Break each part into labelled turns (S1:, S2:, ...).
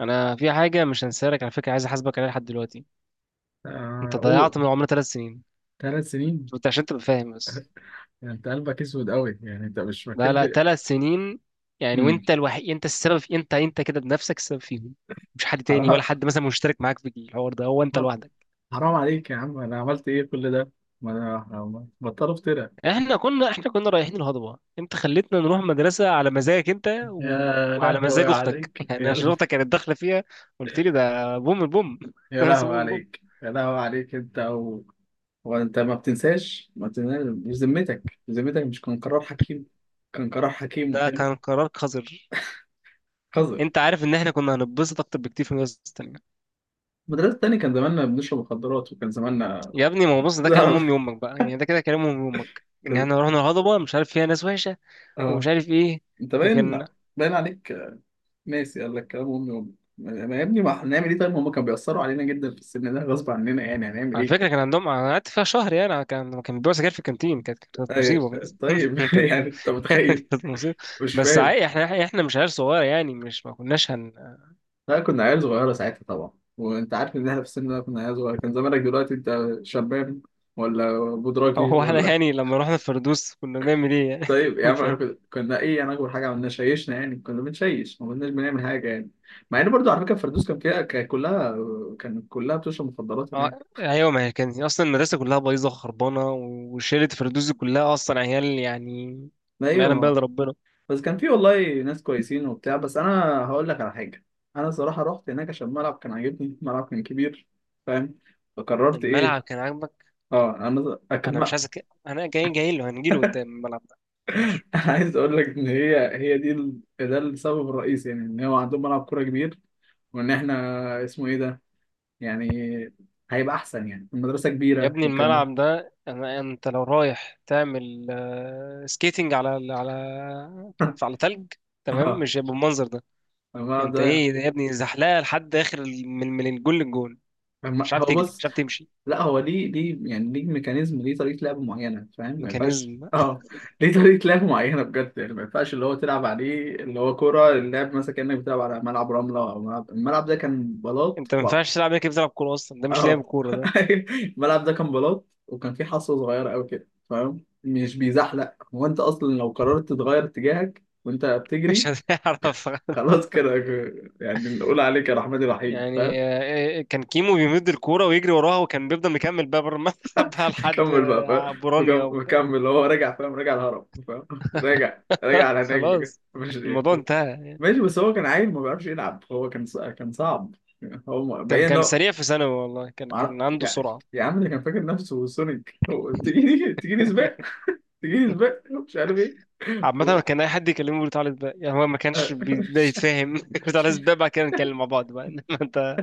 S1: انا في حاجه مش هنساها لك، على فكره، عايز احاسبك عليها لحد دلوقتي.
S2: آه،
S1: انت
S2: قول.
S1: ضيعت من عمرنا 3 سنين.
S2: 3 سنين.
S1: انت عشان تبقى فاهم بس.
S2: يعني انت قلبك اسود قوي؟ يعني انت مش فاكر
S1: لا لا،
S2: لي.
S1: 3 سنين. يعني
S2: مم.
S1: وانت الوحيد، انت السبب في، انت كده بنفسك السبب فيهم. مش حد تاني، ولا
S2: حرام.
S1: حد مثلا مشترك معاك في الحوار ده، هو انت
S2: حرام.
S1: لوحدك.
S2: حرام عليك يا عم، انا عملت ايه كل ده؟ ما انا بطلوا افترى.
S1: احنا كنا رايحين الهضبه، انت خليتنا نروح مدرسه على مزاجك انت
S2: يا
S1: وعلى مزاج
S2: لهوي
S1: اختك
S2: عليك
S1: يعني عشان اختك كانت داخله فيها. قلت لي ده بوم البوم
S2: يا
S1: مدرسه
S2: لهوي
S1: بوم البوم.
S2: عليك، يا لهوي عليك انت و. وانت ما بتنساش، ما بتنساش. مش ذمتك، ذمتك مش كان قرار حكيم؟ كان قرار حكيم
S1: ده
S2: وحلو.
S1: كان قرار قذر.
S2: قذر.
S1: انت عارف ان احنا كنا هنتبسط اكتر بكتير في المدرسه التانيه.
S2: المدرسة التاني كان زماننا بنشرب مخدرات، وكان زماننا.
S1: يا ابني، ما هو بص، ده كلام امي وامك بقى، يعني ده كده كلام امي وامك، ان
S2: كان.
S1: احنا رحنا الهضبه مش عارف فيها ناس وحشه، ومش
S2: اه.
S1: عارف ايه،
S2: انت
S1: وكان.
S2: باين عليك ناسي، قال لك كلام امي وامي. ما يا ابني، ما هنعمل ايه؟ طيب هم كانوا بيأثروا علينا جدا في السن ده غصب عننا، يعني هنعمل
S1: على
S2: ايه؟
S1: فكره كان عندهم، انا قعدت فيها شهر، يعني أنا، كان بيبيعوا سجاير في الكانتين، كانت
S2: طيب.
S1: مصيبه.
S2: طيب.
S1: كانت
S2: يعني انت متخيل؟
S1: كانت مصيبه.
S2: مش
S1: بس
S2: فاهم.
S1: عادي، احنا مش عيال صغيره، يعني مش، ما كناش هن.
S2: لا، كنا عيال صغيرة ساعتها طبعا. وانت عارف ان احنا في السن ده كنا عيال صغيرة، كان زمانك دلوقتي انت شباب، ولا بودراجي
S1: هو احنا
S2: ولا.
S1: يعني لما رحنا الفردوس كنا بنعمل ايه يعني؟
S2: طيب يا عم، احنا
S1: فاهم،
S2: كنا ايه يعني؟ اكبر حاجة عملنا شيشنا، يعني كنا بنشيش، ما كناش بنعمل حاجة يعني. مع ان برضو على فكرة الفردوس كان كلها بتشرب مخدرات
S1: اه
S2: هناك.
S1: ايوه، ما هي كانت اصلا المدرسه كلها بايظه وخربانه وشيله، الفردوس دي كلها اصلا عيال يعني، ما يعلم بها
S2: ايوه.
S1: الا ربنا.
S2: بس كان في والله ناس كويسين وبتاع، بس انا هقول لك على حاجه. انا صراحه رحت هناك عشان الملعب كان عاجبني، الملعب كان كبير. فاهم؟ فقررت
S1: الملعب
S2: ايه؟
S1: كان عاجبك.
S2: اه انا
S1: انا مش
S2: انا
S1: عايز انا جاي، جاي له هنجيله قدام الملعب ده. ماشي.
S2: عايز اقول لك ان هي دي ده السبب الرئيسي، يعني ان هو عندهم ملعب كوره كبير. وان احنا. اسمه ايه ده؟ يعني هيبقى احسن يعني، المدرسه
S1: يا
S2: كبيره
S1: ابني،
S2: والكلام ده.
S1: الملعب ده انت لو رايح تعمل سكيتنج على على تلج، تمام
S2: اه
S1: مش هيبقى بالمنظر ده.
S2: الملعب
S1: انت
S2: ده.
S1: ايه ده يا ابني؟ زحلقه لحد اخر من الجول للجول،
S2: فاهم؟
S1: مش عارف
S2: هو
S1: تجري،
S2: بص،
S1: مش عارف تمشي،
S2: لا هو ليه يعني، ليه ميكانيزم، ليه طريقة لعب معينة، فاهم؟ ما ينفعش.
S1: ميكانيزم.
S2: اه ليه طريقة لعب معينة بجد يعني، ما ينفعش اللي هو تلعب عليه اللي هو كورة اللعب مثلا، كأنك بتلعب على ملعب رملة أو ملعب، الملعب ده كان بلاط
S1: انت ما
S2: و.
S1: ينفعش تلعب هيك، بتلعب كوره اصلا، ده مش لاعب
S2: اه،
S1: كوره ده.
S2: الملعب ده كان بلاط وكان فيه حصة صغيرة أوي كده، فاهم؟ مش بيزحلق هو، أنت أصلا لو قررت تغير اتجاهك وأنت
S1: مش
S2: بتجري
S1: هتعرف.
S2: خلاص كده. يعني نقول عليك يا رحمن الرحيم، فاهم.
S1: يعني كان كيمو بيمد الكوره ويجري وراها، وكان بيفضل مكمل بقى بره الملعب، بقى لحد
S2: كمل بقى، فاهم.
S1: بورانيا
S2: مكمل هو، راجع فاهم، راجع الهرم فاهم، راجع على هناك بجد
S1: خلاص
S2: مش
S1: الموضوع
S2: كده.
S1: انتهى.
S2: ماشي بس هو كان عيل ما بيعرفش يلعب، هو كان كان صعب. هو
S1: كان
S2: باين ان
S1: كان
S2: هو.
S1: سريع في ثانوي، والله كان
S2: مع-
S1: كان عنده
S2: يا
S1: سرعة.
S2: يا عم ده كان فاكر نفسه سونيك، هو تجيني سباق، تجيني سباق مش عارف ايه.
S1: عامة
S2: هو.
S1: كان أي حد يكلمه بيقول تعالى سباق، يعني هو ما كانش
S2: آه،
S1: بيبدأ
S2: مش عارف.
S1: يتفاهم. بيقول تعالى سباق. بعد كده نتكلم مع بعض بقى. إنما أنت،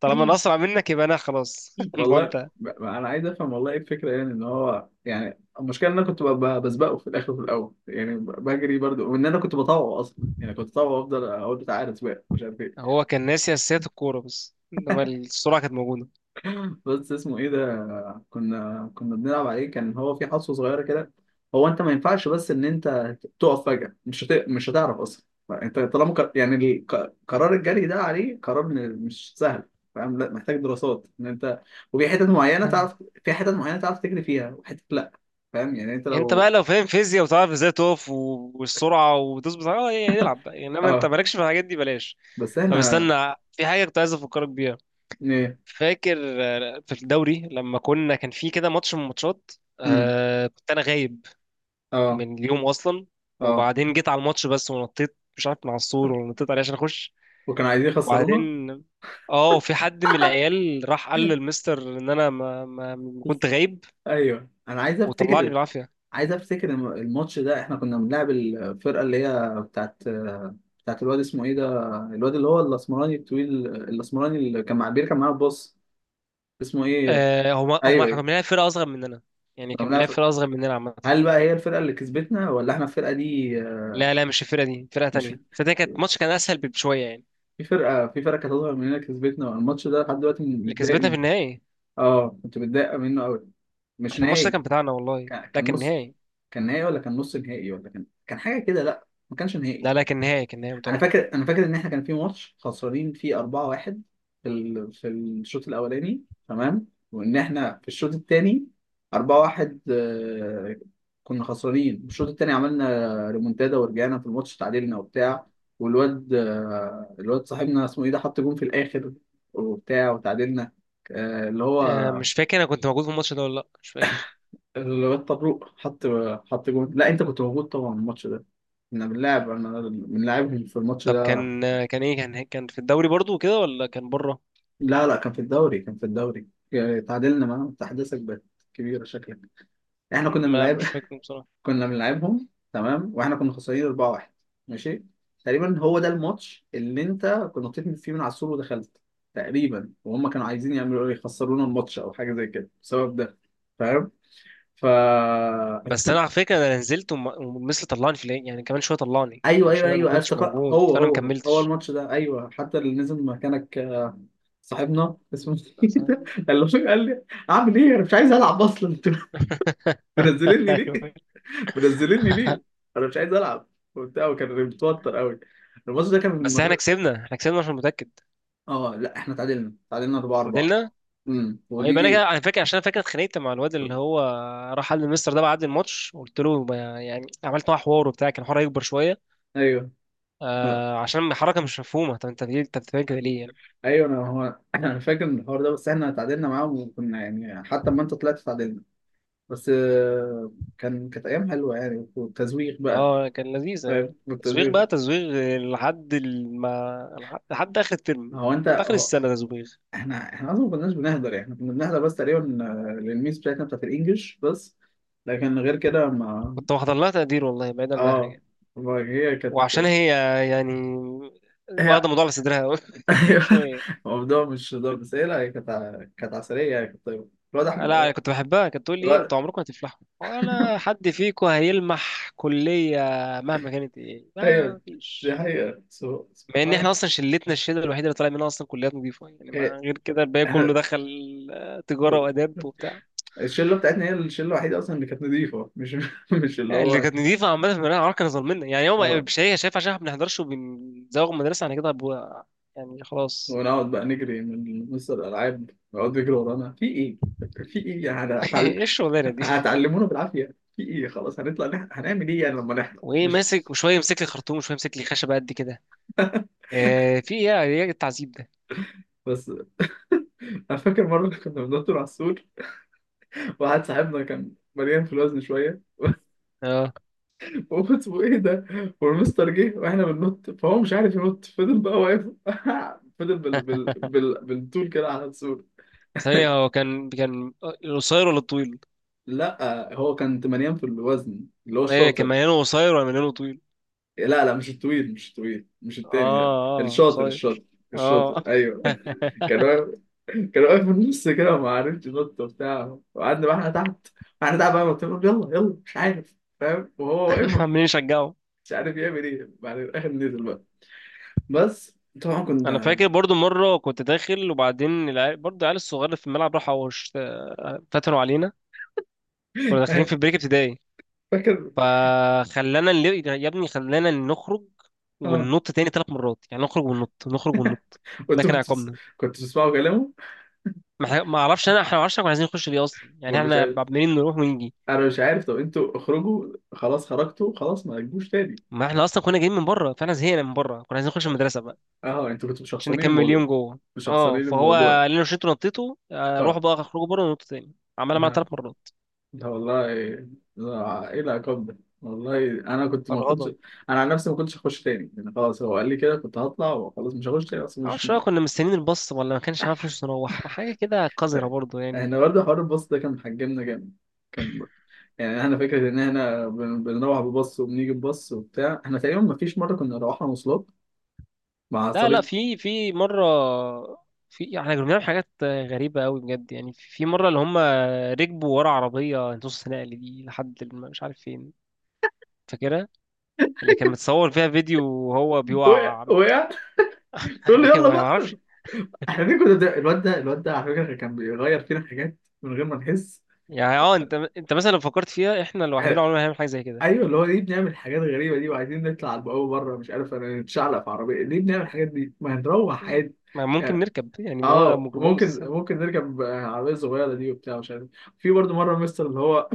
S1: طالما أنا أسرع منك، يبقى أنا خلاص. الموضوع
S2: والله
S1: انتهى.
S2: انا عايز افهم والله، ايه الفكره يعني؟ ان هو يعني المشكله ان انا كنت بسبقه في الاخر وفي الاول، يعني بجري برضو، وان انا كنت بطوع اصلا، يعني كنت بطوع وافضل اقول بتاع عارف سباق مش عارف ايه.
S1: هو كان ناسي أساسيات الكورة، بس إنما السرعة كانت موجودة.
S2: بس اسمه ايه ده؟ كنا بنلعب عليه كان هو في حصوة صغيرة كده. هو انت ما ينفعش بس ان انت تقف فجأة، مش هتعرف اصلا. انت طالما ك... يعني ال- ك- قرار الجري ده عليه، مش سهل، فاهم؟ لا محتاج دراسات ان انت. وفي حتت معينة تعرف، في حتت معينة تعرف تجري فيها وحتت لا، فاهم؟ يعني انت
S1: أنت
S2: لو.
S1: بقى لو فاهم فيزياء، وتعرف إزاي تقف والسرعة وتظبط، أه إيه، العب بقى، يعني إنما أنت
S2: اه.
S1: مالكش في الحاجات دي، بلاش.
S2: بس
S1: طب
S2: احنا.
S1: استنى، في حاجة كنت عايز أفكرك بيها.
S2: ايه.
S1: فاكر؟ في الدوري لما كنا كان في كده ماتش من الماتشات،
S2: امم
S1: كنت انا غايب
S2: اه.
S1: من اليوم اصلا،
S2: اه،
S1: وبعدين جيت على الماتش بس، ونطيت مش عارف من على السور ولا نطيت عليه عشان اخش،
S2: وكانوا عايزين يخسرونا.
S1: وبعدين، اه في حد من العيال راح قال للمستر ان انا ما كنت غايب،
S2: ايوه انا عايز
S1: وطلعني
S2: افتكر،
S1: بالعافيه.
S2: عايز افتكر الماتش ده احنا كنا بنلعب الفرقه اللي هي بتاعت، بتاعت الواد اسمه ايه ده، الواد اللي هو الاسمراني الطويل، الاسمراني اللي كان مع بيركب معانا الباص، اسمه ايه؟
S1: هما
S2: ايوه
S1: كانوا
S2: ايه،
S1: بيلعبوا فرقه اصغر مننا، يعني
S2: كنا
S1: كان
S2: بنلعب
S1: بيلعب
S2: فرقة.
S1: فرقه اصغر مننا عامه.
S2: هل بقى هي الفرقه اللي كسبتنا ولا احنا الفرقه دي؟
S1: لا لا مش الفرقه دي، فرقه
S2: مش.
S1: تانية، فده كانت ماتش كان اسهل بشويه يعني.
S2: في فرقه، في فرقه كانت هتظهر مننا كسبتنا الماتش ده، لحد دلوقتي
S1: اللي
S2: متضايق
S1: كسبتنا في
S2: منه.
S1: النهائي،
S2: اه كنت متضايق منه قوي. مش
S1: احنا الماتش ده
S2: نهائي،
S1: كان بتاعنا والله،
S2: كان
S1: لكن
S2: نص.
S1: نهائي.
S2: كان نهائي ولا كان نص نهائي ولا كان، كان حاجه كده، لا ما كانش نهائي.
S1: لا لا كان نهائي، كان نهائي، متأكد.
S2: انا فاكر ان احنا كان في ماتش خسرانين فيه 4-1 في ال. في الشوط الاولاني، تمام. وان احنا في الشوط الثاني 4-1، كنا خسرانين الشوط الثاني، عملنا ريمونتادا ورجعنا في الماتش تعادلنا وبتاع. والواد الواد صاحبنا اسمه ايه ده حط جون في الاخر وبتاع وتعادلنا، اللي هو
S1: مش فاكر انا كنت موجود في الماتش ده ولا لا، مش فاكر.
S2: الواد طبروق حط جون. لا انت كنت موجود طبعا الماتش ده، احنا بنلعب انا بنلعبهم في الماتش
S1: طب
S2: ده.
S1: كان، كان ايه، كان في الدوري برضو كده، ولا كان بره؟
S2: لا لا، كان في الدوري، كان في الدوري، يعني تعادلنا معاهم. تحديثك بقت كبيرة شكلك، احنا كنا
S1: ما
S2: بنلعب.
S1: مش فاكر بصراحة.
S2: كنا بنلعبهم تمام واحنا كنا خسرانين 4-1. ماشي، تقريبا هو ده الماتش اللي انت كنت نطيت فيه من على السور ودخلت تقريبا، وهم كانوا عايزين يعملوا ايه، يخسرونا الماتش او حاجة زي كده بسبب ده، فاهم. فا
S1: بس انا على فكرة، انا نزلت ومثل طلعني في العين، يعني كمان شوية طلعني
S2: ايوه، ايوه، ايوه،
S1: عشان انا ما
S2: أيوه،
S1: كنتش
S2: افتكر.
S1: موجود،
S2: هو
S1: فانا ما
S2: هو هو
S1: كملتش،
S2: الماتش ده ايوه، حتى اللي نزل مكانك صاحبنا اسمه إيه
S1: بس-
S2: ده؟ قال له، قال لي اعمل ايه، انا مش عايز العب اصلا. منزليني ليه؟
S1: أيوة.
S2: منزليني ليه؟ انا مش عايز العب. وبتاع وكان متوتر قوي، الماتش ده كان من
S1: بس احنا
S2: المدرسه.
S1: كسبنا، احنا كسبنا عشان متأكد،
S2: اه لا، احنا تعادلنا، تعادلنا 4 4.
S1: فضلنا.
S2: امم،
S1: طيب انا
S2: ودي.
S1: كده انا فاكر، عشان انا فاكر اتخانقت مع الواد اللي هو راح قال للمستر ده بعد الماتش. قلت له يعني عملت معاه حوار وبتاع، كان حوار يكبر شوية،
S2: ايوه. لا
S1: عشان حركة مش مفهومة، طب انت ليه انت بتعمل كده ليه يعني؟
S2: ايوه، انا هو. انا فاكر من الحوار ده، بس احنا تعادلنا معاهم وكنا يعني حتى لما انت طلعت تعادلنا بس. كانت ايام حلوه يعني، والتزويق بقى،
S1: اه كان لذيذة يعني.
S2: فاهم.
S1: تزويغ بقى
S2: والتزويق.
S1: تزويغ لحد لحد آخر الترم،
S2: هو انت
S1: لحد آخر
S2: هو،
S1: السنة تزويغ.
S2: احنا اصلا ما كناش بنهدر، يعني كنا بنهدر بس تقريبا للميس بتاعتنا بتاعت الانجليش بس، لكن غير كده ما.
S1: كنت واخد لها تقدير والله، بعيدا عن أي
S2: اه،
S1: حاجة،
S2: ما هي كانت.
S1: وعشان هي، يعني
S2: هي.
S1: واخدة الموضوع على صدرها أوي.
S2: ايوه.
S1: شوية.
S2: الموضوع مش هزار، بس هي، لا هي كانت كانت عسلية يعني، كانت طيبة. الواد أحمد،
S1: لا، كنت بحبها، كانت تقول لي ايه،
S2: الواد-
S1: انتوا عمركم هتفلحوا ولا حد فيكم هيلمح كلية مهما كانت ايه،
S2: ايوه،
S1: ما
S2: دي
S1: فيش.
S2: حقيقة
S1: مع ان
S2: سبحان
S1: احنا اصلا
S2: الله.
S1: شلتنا، الشله الوحيده اللي طالع منها اصلا كليات نظيفه، يعني ما
S2: هي-
S1: غير كده الباقي كله
S2: إحنا-
S1: دخل، تجاره واداب وبتاع،
S2: الشلة بتاعتنا هي الشلة الوحيدة أصلا اللي كانت نظيفة، مش مش اللي
S1: يعني اللي
S2: هو.
S1: كانت نظيفه عامه في المدرسه، عمرها كان ظلمنا، يعني هو
S2: اه.
S1: مش هي شايف عشان احنا ما بنحضرش وبنزوغ من المدرسه، انا كده هبقى يعني خلاص.
S2: ونقعد بقى نجري من مستر الألعاب، نقعد نجري ورانا في إيه؟ في إيه يعني،
S1: ايه الشغلانه دي؟
S2: هتعلمونا بالعافية في إيه؟ خلاص هنطلع، هنعمل إيه يعني لما نحضر؟
S1: وايه
S2: مش.
S1: ماسك، وشويه يمسك لي خرطوم، وشويه يمسك لي خشبه قد كده، في ايه، ايه التعذيب ده؟
S2: بس أنا فاكر مرة كنا بندور على السور، واحد صاحبنا كان مليان في الوزن شويه،
S1: اه
S2: وقلت له ايه ده. والمستر جه واحنا بننط، فهو مش عارف ينط، فضل بقى واقف. فضل بالطول كده على السور.
S1: ثانيه، هو كان القصير ولا الطويل؟
S2: لا هو كان مليان في الوزن، اللي هو
S1: ايه كان
S2: الشاطر.
S1: مليانه قصير ولا مليانه طويل؟
S2: لا لا، مش الطويل، مش التاني ده،
S1: اه اه
S2: الشاطر.
S1: قصير.
S2: الشاطر، الشاطر
S1: اه.
S2: ايوه. كان واقف، كان واقف في النص كده وما عرفش ينط وبتاع. وقعدنا بقى احنا تحت، احنا تحت بقى نط، يلا يلا، مش عارف فاهم، وهو واقف
S1: عمالين يشجعوا.
S2: مش عارف يعمل ايه. بعد الاخر نزل بقى، بس طبعا
S1: انا
S2: كنا.
S1: فاكر برضو مره، كنت داخل وبعدين العيال، برضو العيال الصغار اللي في الملعب، فتنوا علينا، كنا داخلين في بريك ابتدائي،
S2: فاكر.
S1: يا ابني خلانا نخرج
S2: اه
S1: وننط تاني 3 مرات، يعني نخرج وننط، نخرج وننط. ده
S2: وانتوا
S1: كان عقابنا.
S2: كنتوا بتسمعوا كلامه؟
S1: ما اعرفش انا، احنا ما اعرفش، إحنا كنا عايزين نخش ليه اصلا؟ يعني
S2: مش
S1: احنا
S2: عارف،
S1: عمالين نروح ونيجي،
S2: انا مش عارف. طب انتوا اخرجوا خلاص، خرجتوا خلاص ما تجيبوش تاني.
S1: ما احنا اصلا كنا جايين من بره، فاحنا زهقنا من بره، كنا عايزين نخش المدرسه بقى،
S2: اه انتوا كنتوا
S1: عشان
S2: مشخصنين
S1: نكمل
S2: الموضوع،
S1: يوم جوه. اه
S2: مشخصنين
S1: فهو
S2: الموضوع.
S1: قال لنا شيتوا نطيتوا،
S2: اه.
S1: روحوا بقى اخرجوا بره وننطوا تاني، عملها معانا
S2: لا.
S1: 3 مرات.
S2: لا والله، لا ايه العقاب ده والله، انا كنت ما كنتش.
S1: فرهضه.
S2: انا عن نفسي ما كنتش هخش تاني يعني، خلاص هو قال لي كده كنت هطلع وخلاص، مش هخش تاني اصلا، مش
S1: معرفش بقى
S2: مش
S1: كنا مستنيين الباص، ولا ما كانش معانا فلوس نروح، حاجة كده قذرة
S2: فاهم.
S1: برضو يعني.
S2: احنا برضه حوار الباص ده كان محجمنا جامد، كان يعني احنا فكره ان احنا بنروح بباص وبنيجي بباص وبتاع، احنا تقريبا ما فيش مره كنا روحنا مواصلات مع
S1: لا لا،
S2: صريف.
S1: في مرة، في يعني احنا كنا بنعمل حاجات غريبة أوي بجد، يعني في مرة اللي هم ركبوا ورا عربية نص نقل دي لحد مش عارف فين، فاكرها، اللي كان متصور فيها فيديو وهو
S2: وقع،
S1: بيوقع.
S2: وقع. يقول لي يلا
S1: أيوة ما
S2: بقى.
S1: أعرفش.
S2: احنا دي كنا، ده الواد ده، الواد ده على فكره كان بيغير فينا حاجات من غير ما نحس.
S1: يعني أنت مثلا لو فكرت فيها، احنا لوحدنا
S2: آه،
S1: عمرنا ما هنعمل حاجة زي كده،
S2: ايوه اللي هو ليه بنعمل حاجات غريبه دي، وعايزين نطلع على البقوه بره مش عارف، انا نتشعلق في عربيه ليه؟ بنعمل الحاجات دي، ما هنروح عادي
S1: ما ممكن
S2: يعني.
S1: نركب يعني هو
S2: اه ممكن،
S1: ميكروباص.
S2: نركب عربيه صغيره دي وبتاع، مش عارف. في برضه مره مستر اللي هو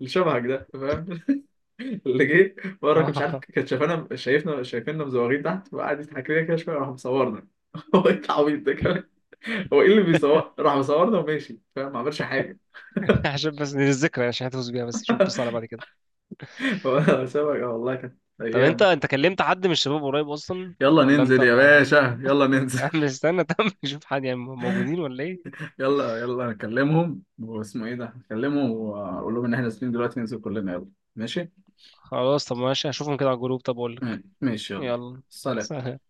S2: اللي شبهك ده، فاهم، اللي جه بره كان مش عارف، كان شايفانا شايفنا شايفيننا مزوغين تحت، وقعد يضحك لنا كده شويه، راح مصورنا. هو ايه العبيط ده كمان، هو ايه اللي بيصور، راح مصورنا وماشي فاهم، ما عملش حاجه.
S1: عشان بس للذكرى، عشان هتفوز بيها بس، شوف، بص على بعد كده.
S2: هو سابك. آه والله كانت
S1: طب انت
S2: ايام.
S1: انت كلمت حد من الشباب قريب اصلا،
S2: يلا
S1: ولا
S2: ننزل
S1: انت
S2: يا
S1: ما؟
S2: باشا، يلا ننزل.
S1: يا عم استنى طب، نشوف حد، يعني موجودين ولا ايه؟
S2: يلا نكلمهم، واسمه ايه ده، نكلمهم واقول لهم ان احنا نازلين دلوقتي، ننزل كلنا، يلا. ماشي،
S1: خلاص طب ماشي، هشوفهم كده على الجروب، طب اقول لك،
S2: ماشي يلا.
S1: يلا.
S2: سلام.
S1: سلام.